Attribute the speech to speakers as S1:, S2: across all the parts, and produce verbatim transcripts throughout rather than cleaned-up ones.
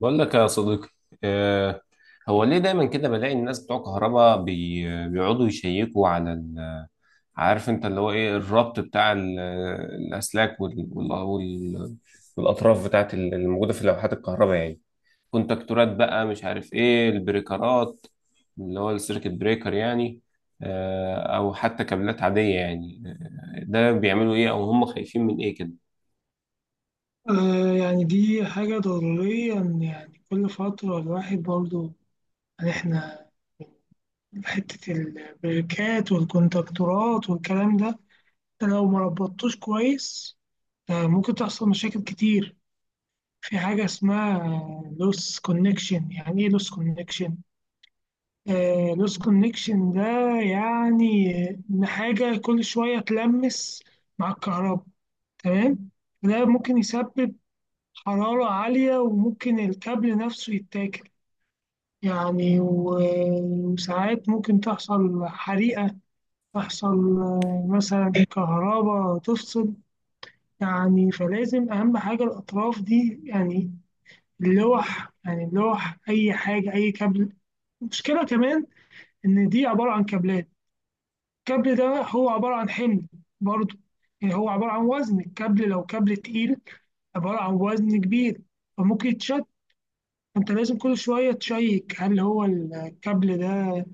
S1: بقول لك يا صديقي. آه، هو ليه دايما كده بلاقي الناس بتوع كهرباء بي- بيقعدوا يشيكوا على ال- عارف انت اللي هو ايه الربط بتاع ال- الاسلاك وال- وال- وال- والاطراف بتاعت ال- الموجوده في لوحات الكهرباء يعني، كونتاكتورات بقى مش عارف ايه البريكرات اللي هو السيركت بريكر يعني. آه، او حتى كابلات عاديه يعني، آه، ده بيعملوا ايه او هم خايفين من ايه كده؟
S2: آه، يعني دي حاجة ضروريا. يعني كل فترة الواحد برضو، يعني احنا حتة البريكات والكونتاكتورات والكلام ده، انت لو ما ربطتوش كويس آه ممكن تحصل مشاكل كتير. في حاجة اسمها لوس كونكشن. يعني ايه لوس كونكشن؟ لوس كونكشن ده يعني ان حاجة كل شوية تلمس مع الكهرباء، تمام؟ ده ممكن يسبب حرارة عالية وممكن الكابل نفسه يتاكل، يعني و- وساعات ممكن تحصل حريقة، تحصل آه، مثلا كهرباء تفصل. يعني فلازم أهم حاجة الأطراف دي، يعني اللوح، يعني اللوح، أي حاجة أي كابل. المشكلة كمان إن دي عبارة عن كابلات. الكابل ده هو عبارة عن حمل برضه، يعني هو عبارة عن وزن. الكابل لو كابل تقيل عبارة عن وزن كبير، فممكن يتشد. انت لازم كل شوية تشيك هل هو الكابل ده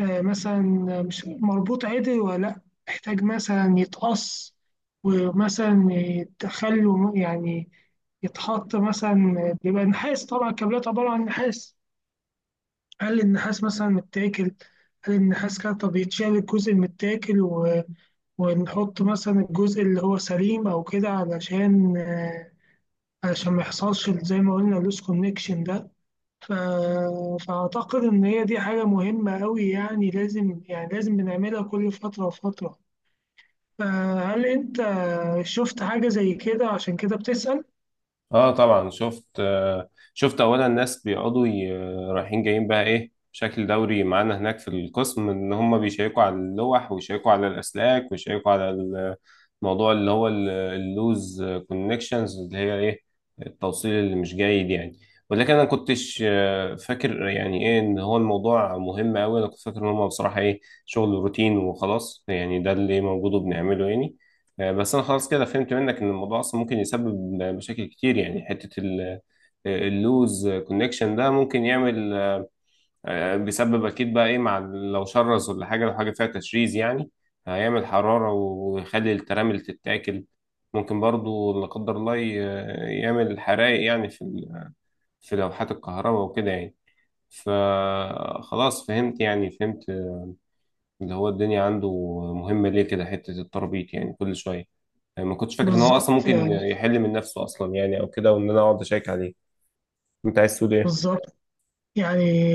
S2: آه، مثلا مش مربوط عدل ولا لا، محتاج مثلا يتقص، ومثلا يتخلوا يعني، يتحط مثلا. بيبقى نحاس، طبعا الكابلات عبارة عن نحاس. هل النحاس مثلا متاكل؟ هل النحاس كده؟ طب يتشال الجزء المتاكل و... ونحط مثلا الجزء اللي هو سليم او كده، علشان آه، علشان ما يحصلش زي ما قلنا اللوس كونكشن ده. ف... فأعتقد إن هي دي حاجة مهمة أوي، يعني لازم، يعني لازم بنعملها كل فترة وفترة. فهل أنت شفت حاجة زي كده عشان كده بتسأل؟
S1: اه طبعا شفت. آه شفت اولا الناس بيقعدوا ي- رايحين جايين بقى ايه بشكل دوري معانا هناك في القسم ان هم بيشيكوا على اللوح ويشيكوا على الاسلاك ويشيكوا على الموضوع اللي هو ال- اللوز كونكشنز اللي هي ايه، التوصيل اللي مش جيد يعني. ولكن انا كنتش آه، فاكر يعني ايه ان هو الموضوع مهم قوي، انا كنت فاكر ان هم بصراحة ايه، شغل روتين وخلاص يعني، ده اللي موجود وبنعمله يعني. آه، بس انا خلاص كده فهمت منك ان الموضوع اصلا ممكن يسبب مشاكل كتير يعني، حته ال- آه، اللوز كونكشن ده ممكن يعمل، آه، بيسبب اكيد بقى ايه مع ال- لو شرز ولا حاجه، لو حاجه فيها تشريز يعني هيعمل حراره ويخلي الترامل تتاكل. ممكن برضو لا قدر الله ي- يعمل حرائق يعني في ال- في لوحات الكهرباء وكده يعني. فخلاص فهمت يعني، فهمت اللي هو الدنيا عنده مهمه ليه كده، حته التربيط يعني كل شويه. يعني ما كنتش فاكر ان هو اصلا
S2: بالظبط
S1: ممكن
S2: يعني،
S1: يحل من نفسه اصلا يعني، او كده، وان انا اقعد اشيك عليه. انت عايز تقول ايه؟
S2: بالظبط. يعني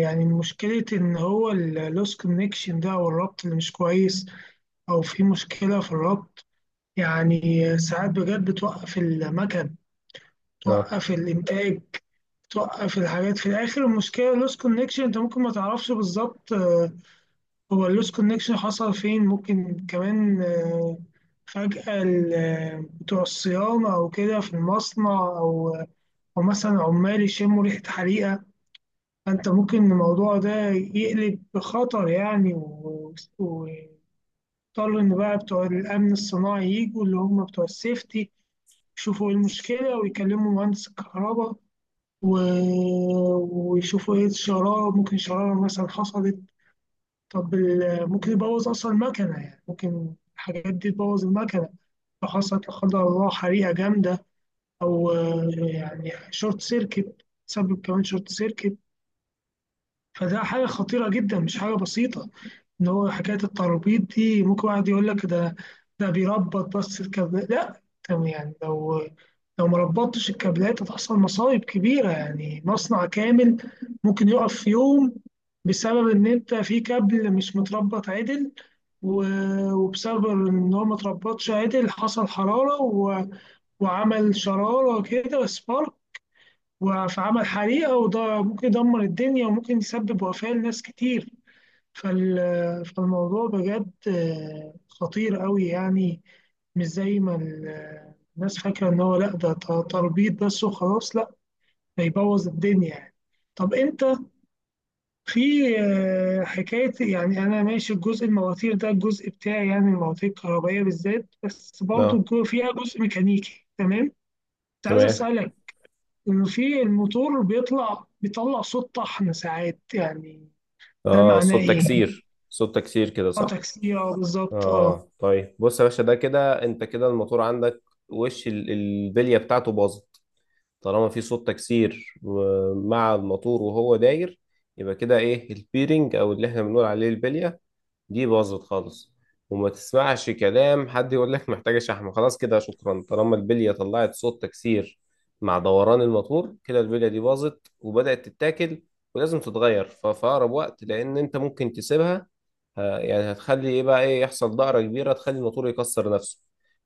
S2: يعني مشكلة إن هو اللوس كونكشن ده، أو الربط اللي مش كويس، أو في مشكلة في الربط، يعني ساعات بجد بتوقف المكن،
S1: اه.
S2: توقف الإنتاج، توقف الحاجات في الآخر. المشكلة اللوس كونكشن أنت ممكن ما تعرفش بالظبط هو اللوس كونكشن حصل فين. ممكن كمان آه، فجأة ال- آه، بتوع الصيانة أو كده في المصنع، أو أو مثلا عمال يشموا ريحة حريقة، فأنت ممكن الموضوع ده يقلب بخطر، يعني و- واضطر إن بقى بتوع الأمن الصناعي يجوا، اللي هم بتوع السيفتي، يشوفوا إيه المشكلة ويكلموا مهندس الكهرباء و- ويشوفوا إيه الشرارة. ممكن شرارة مثلا حصلت. طب ال- ممكن يبوظ أصلا المكنة، يعني ممكن الحاجات دي تبوظ المكنة لو حصلت لا قدر الله حريقة جامدة، أو آه، يعني شورت سيركت، تسبب كمان شورت سيركت. فده حاجة خطيرة جدا، مش حاجة بسيطة. ان هو حكايه التربيط دي ممكن واحد يقول لك ده ده بيربط بس الكابلات، لا تمام. يعني لو لو ما ربطتش الكابلات هتحصل مصايب كبيره، يعني مصنع كامل ممكن يقف في يوم بسبب ان انت في كابل مش متربط عدل، و- وبسبب ان هو ما اتربطش عدل حصل حراره و- وعمل شراره كده، سبارك، فعمل حريقه، وده ممكن يدمر الدنيا وممكن يسبب وفاه لناس كتير. فال- فالموضوع بجد آه، خطير قوي، يعني مش زي ما ال- الناس فاكرة إن هو لأ، ده ت- تربيط بس وخلاص. لأ، ده يبوظ الدنيا يعني. طب أنت في آه، حكاية، يعني أنا ماشي الجزء المواتير ده الجزء بتاعي، يعني المواتير الكهربائية بالذات، بس برضو
S1: اه
S2: الجو- فيها جزء ميكانيكي، تمام. كنت عايز
S1: تمام.
S2: أسألك إنه في الموتور بيطلع بيطلع صوت طحن ساعات يعني. ده
S1: اه،
S2: معناه
S1: صوت
S2: إيه؟
S1: تكسير، صوت تكسير كده،
S2: اه
S1: صح؟
S2: تاكسي، اه بالظبط اه.
S1: اه طيب بص يا باشا، ده كده انت كده الموتور عندك وش ال- البليه بتاعته باظت. طالما في صوت تكسير و- مع الموتور وهو داير، يبقى كده ايه، البيرنج او اللي احنا بنقول عليه البليه دي باظت خالص. وما تسمعش كلام حد يقول لك محتاجة شحم، خلاص كده شكرا. طالما البلية طلعت صوت تكسير مع دوران الموتور، كده البلية دي باظت وبدأت تتاكل ولازم تتغير ف- في أقرب وقت، لأن أنت ممكن تسيبها ه- يعني هتخلي إيه بقى، إيه يحصل، دائرة كبيرة تخلي الموتور يكسر نفسه.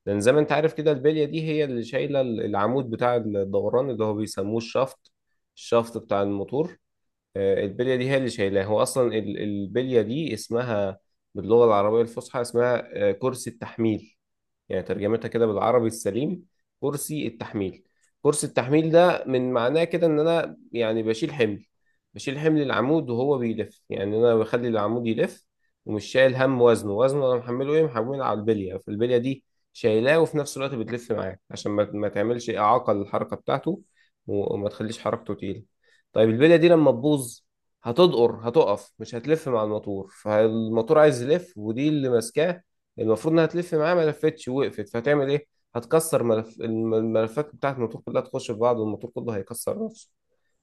S1: لأن زي ما أنت عارف كده البلية دي هي اللي شايلة ال- العمود بتاع الدوران اللي هو بيسموه الشافت، الشافت بتاع الموتور. آه، البليه دي هي اللي شايلاه. هو اصلا ال- البليه دي اسمها باللغه العربيه الفصحى اسمها آه، كرسي التحميل. يعني ترجمتها كده بالعربي السليم، كرسي التحميل. كرسي التحميل ده من معناه كده ان انا يعني بشيل حمل، بشيل حمل العمود وهو بيلف. يعني انا بخلي العمود يلف ومش شايل هم وزنه، وزنه انا محمله ايه، محمله على البليه. فالبليه دي شايلاه وفي نفس الوقت بتلف معاك عشان ما ما تعملش اعاقه للحركه بتاعته و- وما تخليش حركته تقيله. طيب البليه دي لما تبوظ هتدقر، هتقف مش هتلف مع الموتور، فالموتور عايز يلف ودي اللي ماسكاه، المفروض انها تلف معاه، ما لفتش وقفت، فهتعمل ايه؟ هتكسر ملف الم- الملفات بتاعت الموتور كلها تخش في بعض والموتور كله هيكسر نفسه.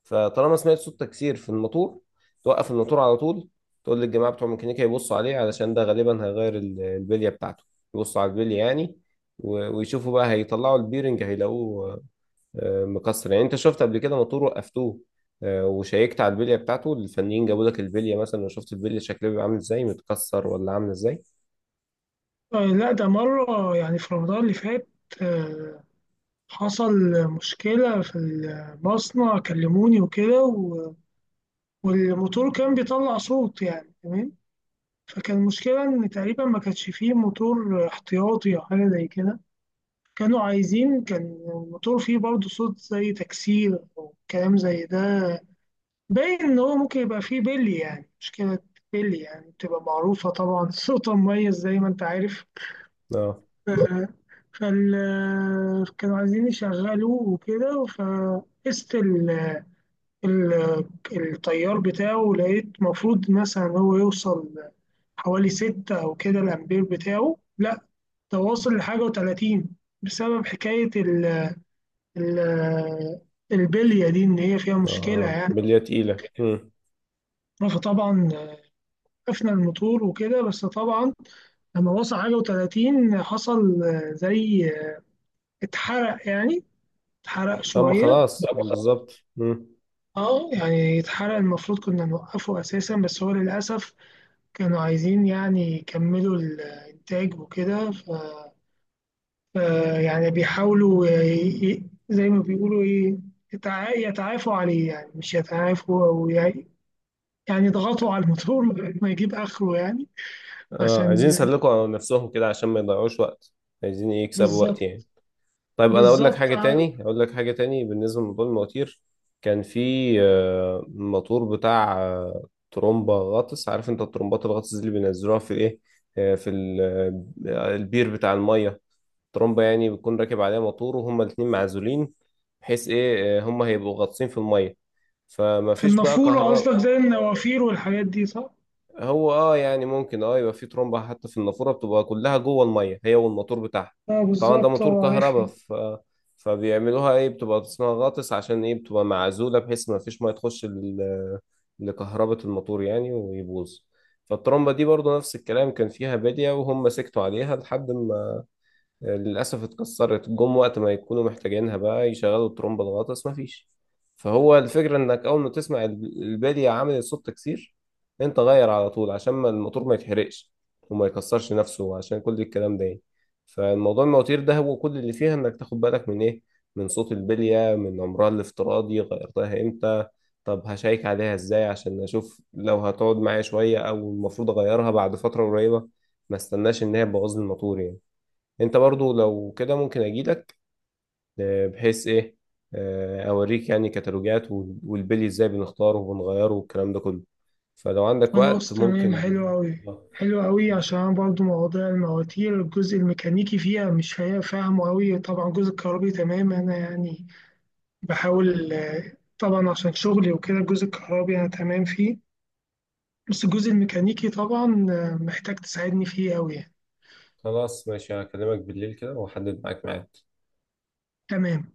S1: فطالما سمعت صوت تكسير في الموتور، توقف الموتور على طول، تقول للجماعه بتوع ميكانيكا يبصوا عليه، علشان ده غالبا هيغير ال- البليه بتاعته، يبصوا على البليه يعني. و- ويشوفوا بقى، هيطلعوا البيرنج هيلاقوه آه، مكسر يعني. انت شفت قبل كده موتور وقفتوه، آه، وشيكت على البليه بتاعته، الفنيين جابوا لك البليه مثلا وشفت البليه شكلها بيبقى عامل ازاي، متكسر ولا عامل ازاي؟
S2: آه، لا ده مرة يعني في رمضان اللي فات آه، حصل مشكلة في المصنع، كلموني وكده، و- والموتور كان بيطلع صوت، يعني تمام. فكان المشكلة إن تقريبا ما كانش فيه موتور احتياطي أو حاجة زي كده. كانوا عايزين، كان الموتور فيه برضه صوت زي تكسير أو كلام زي ده، باين إن هو ممكن يبقى فيه بلي، يعني مشكلة بلي، يعني بتبقى معروفة طبعا صوتها مميز زي ما أنت عارف.
S1: اه.
S2: فال كانوا عايزين يشغلوه وكده، فقست ال... ال... التيار بتاعه، لقيت المفروض مثلا هو يوصل حوالي ستة أو كده الأمبير بتاعه، لا ده واصل لحاجة وتلاتين بسبب حكاية ال... ال... البلية دي إن هي فيها مشكلة
S1: اه
S2: يعني.
S1: بليه تقيله. امم
S2: فطبعا قفنا الموتور وكده، بس طبعا لما وصل حاجة وتلاتين حصل زي اتحرق يعني، اتحرق
S1: اما
S2: شوية.
S1: خلاص بالظبط. امم
S2: اه يعني يتحرق، المفروض كنا نوقفه اساسا، بس هو للاسف كانوا عايزين يعني يكملوا الانتاج وكده، ف... ف يعني بيحاولوا ي... ي- زي ما بيقولوا ايه، يتع... يتعافوا عليه، يعني مش يتعافوا او ي... يعني يضغطوا على الموتور ما يجيب اخره يعني.
S1: اه عايزين
S2: عشان.
S1: يسلكوا نفسهم كده عشان ما يضيعوش وقت، عايزين إيه، يكسبوا وقت
S2: بالظبط.
S1: يعني. طيب انا اقول لك
S2: بالظبط
S1: حاجه
S2: ع-
S1: تاني، اقول لك حاجه تاني بالنسبه لموضوع المواتير. كان في آه، موتور بتاع آه، ترومبا غطس. عارف انت الترومبات الغطس دي اللي بينزلوها في ايه، آه، في ال- آه، البير بتاع الميه. ترمبة يعني بيكون راكب عليها موتور وهما الاتنين معزولين، بحيث ايه، آه، هما هيبقوا غاطسين في المية، فما
S2: في
S1: فيش بقى
S2: النافوره
S1: كهرباء.
S2: قصدك، زي النوافير والحاجات دي، صح؟
S1: هو اه يعني ممكن، اه يبقى في ترمبة حتى في النافورة بتبقى كلها جوه المية هي والموتور بتاعها.
S2: اه
S1: طبعا ده
S2: بالظبط، اه
S1: موتور
S2: عارفها.
S1: كهرباء ف... فبيعملوها ايه، بتبقى اسمها غاطس عشان ايه، بتبقى معزولة بحيث ما فيش مية تخش ل... لكهربة الموتور يعني ويبوظ. فالترمبة دي برضو نفس الكلام، كان فيها بادية وهم سكتوا عليها لحد ما للأسف اتكسرت، جم وقت ما يكونوا محتاجينها بقى يشغلوا الترومبة الغطس، مفيش. فهو الفكرة إنك أول ما تسمع ال- البادية عملت صوت تكسير، أنت غير على طول عشان ما الموتور ما يتحرقش وما يكسرش نفسه عشان كل الكلام ده يعني. فالموضوع المواتير ده هو كل اللي فيها إنك تاخد بالك من إيه، من صوت البلية، من عمرها الافتراضي، غيرتها إمتى، طب هشيك عليها إزاي عشان أشوف لو هتقعد معايا شوية أو المفروض أغيرها بعد فترة قريبة، ما استناش إن هي تبوظ لي الموتور يعني. انت برضو لو كده ممكن اجيلك، آه، بحيث ايه، آه، اوريك يعني كتالوجات وال- والبلي ازاي بنختاره وبنغيره والكلام ده كله، فلو عندك وقت
S2: خلاص تمام،
S1: ممكن.
S2: حلو أوي.
S1: آه،
S2: حلو أوي عشان أنا برضو مواضيع المواتير الجزء الميكانيكي فيها مش فا- فاهمه أوي، طبعا الجزء الكهربي تمام، أنا يعني بحاول آه، طبعا عشان شغلي وكده الجزء الكهربي أنا تمام فيه، بس الجزء الميكانيكي طبعا آه، محتاج تساعدني فيه أوي يعني.
S1: خلاص ماشي، هكلمك بالليل كده واحدد معاك ميعاد.
S2: تمام.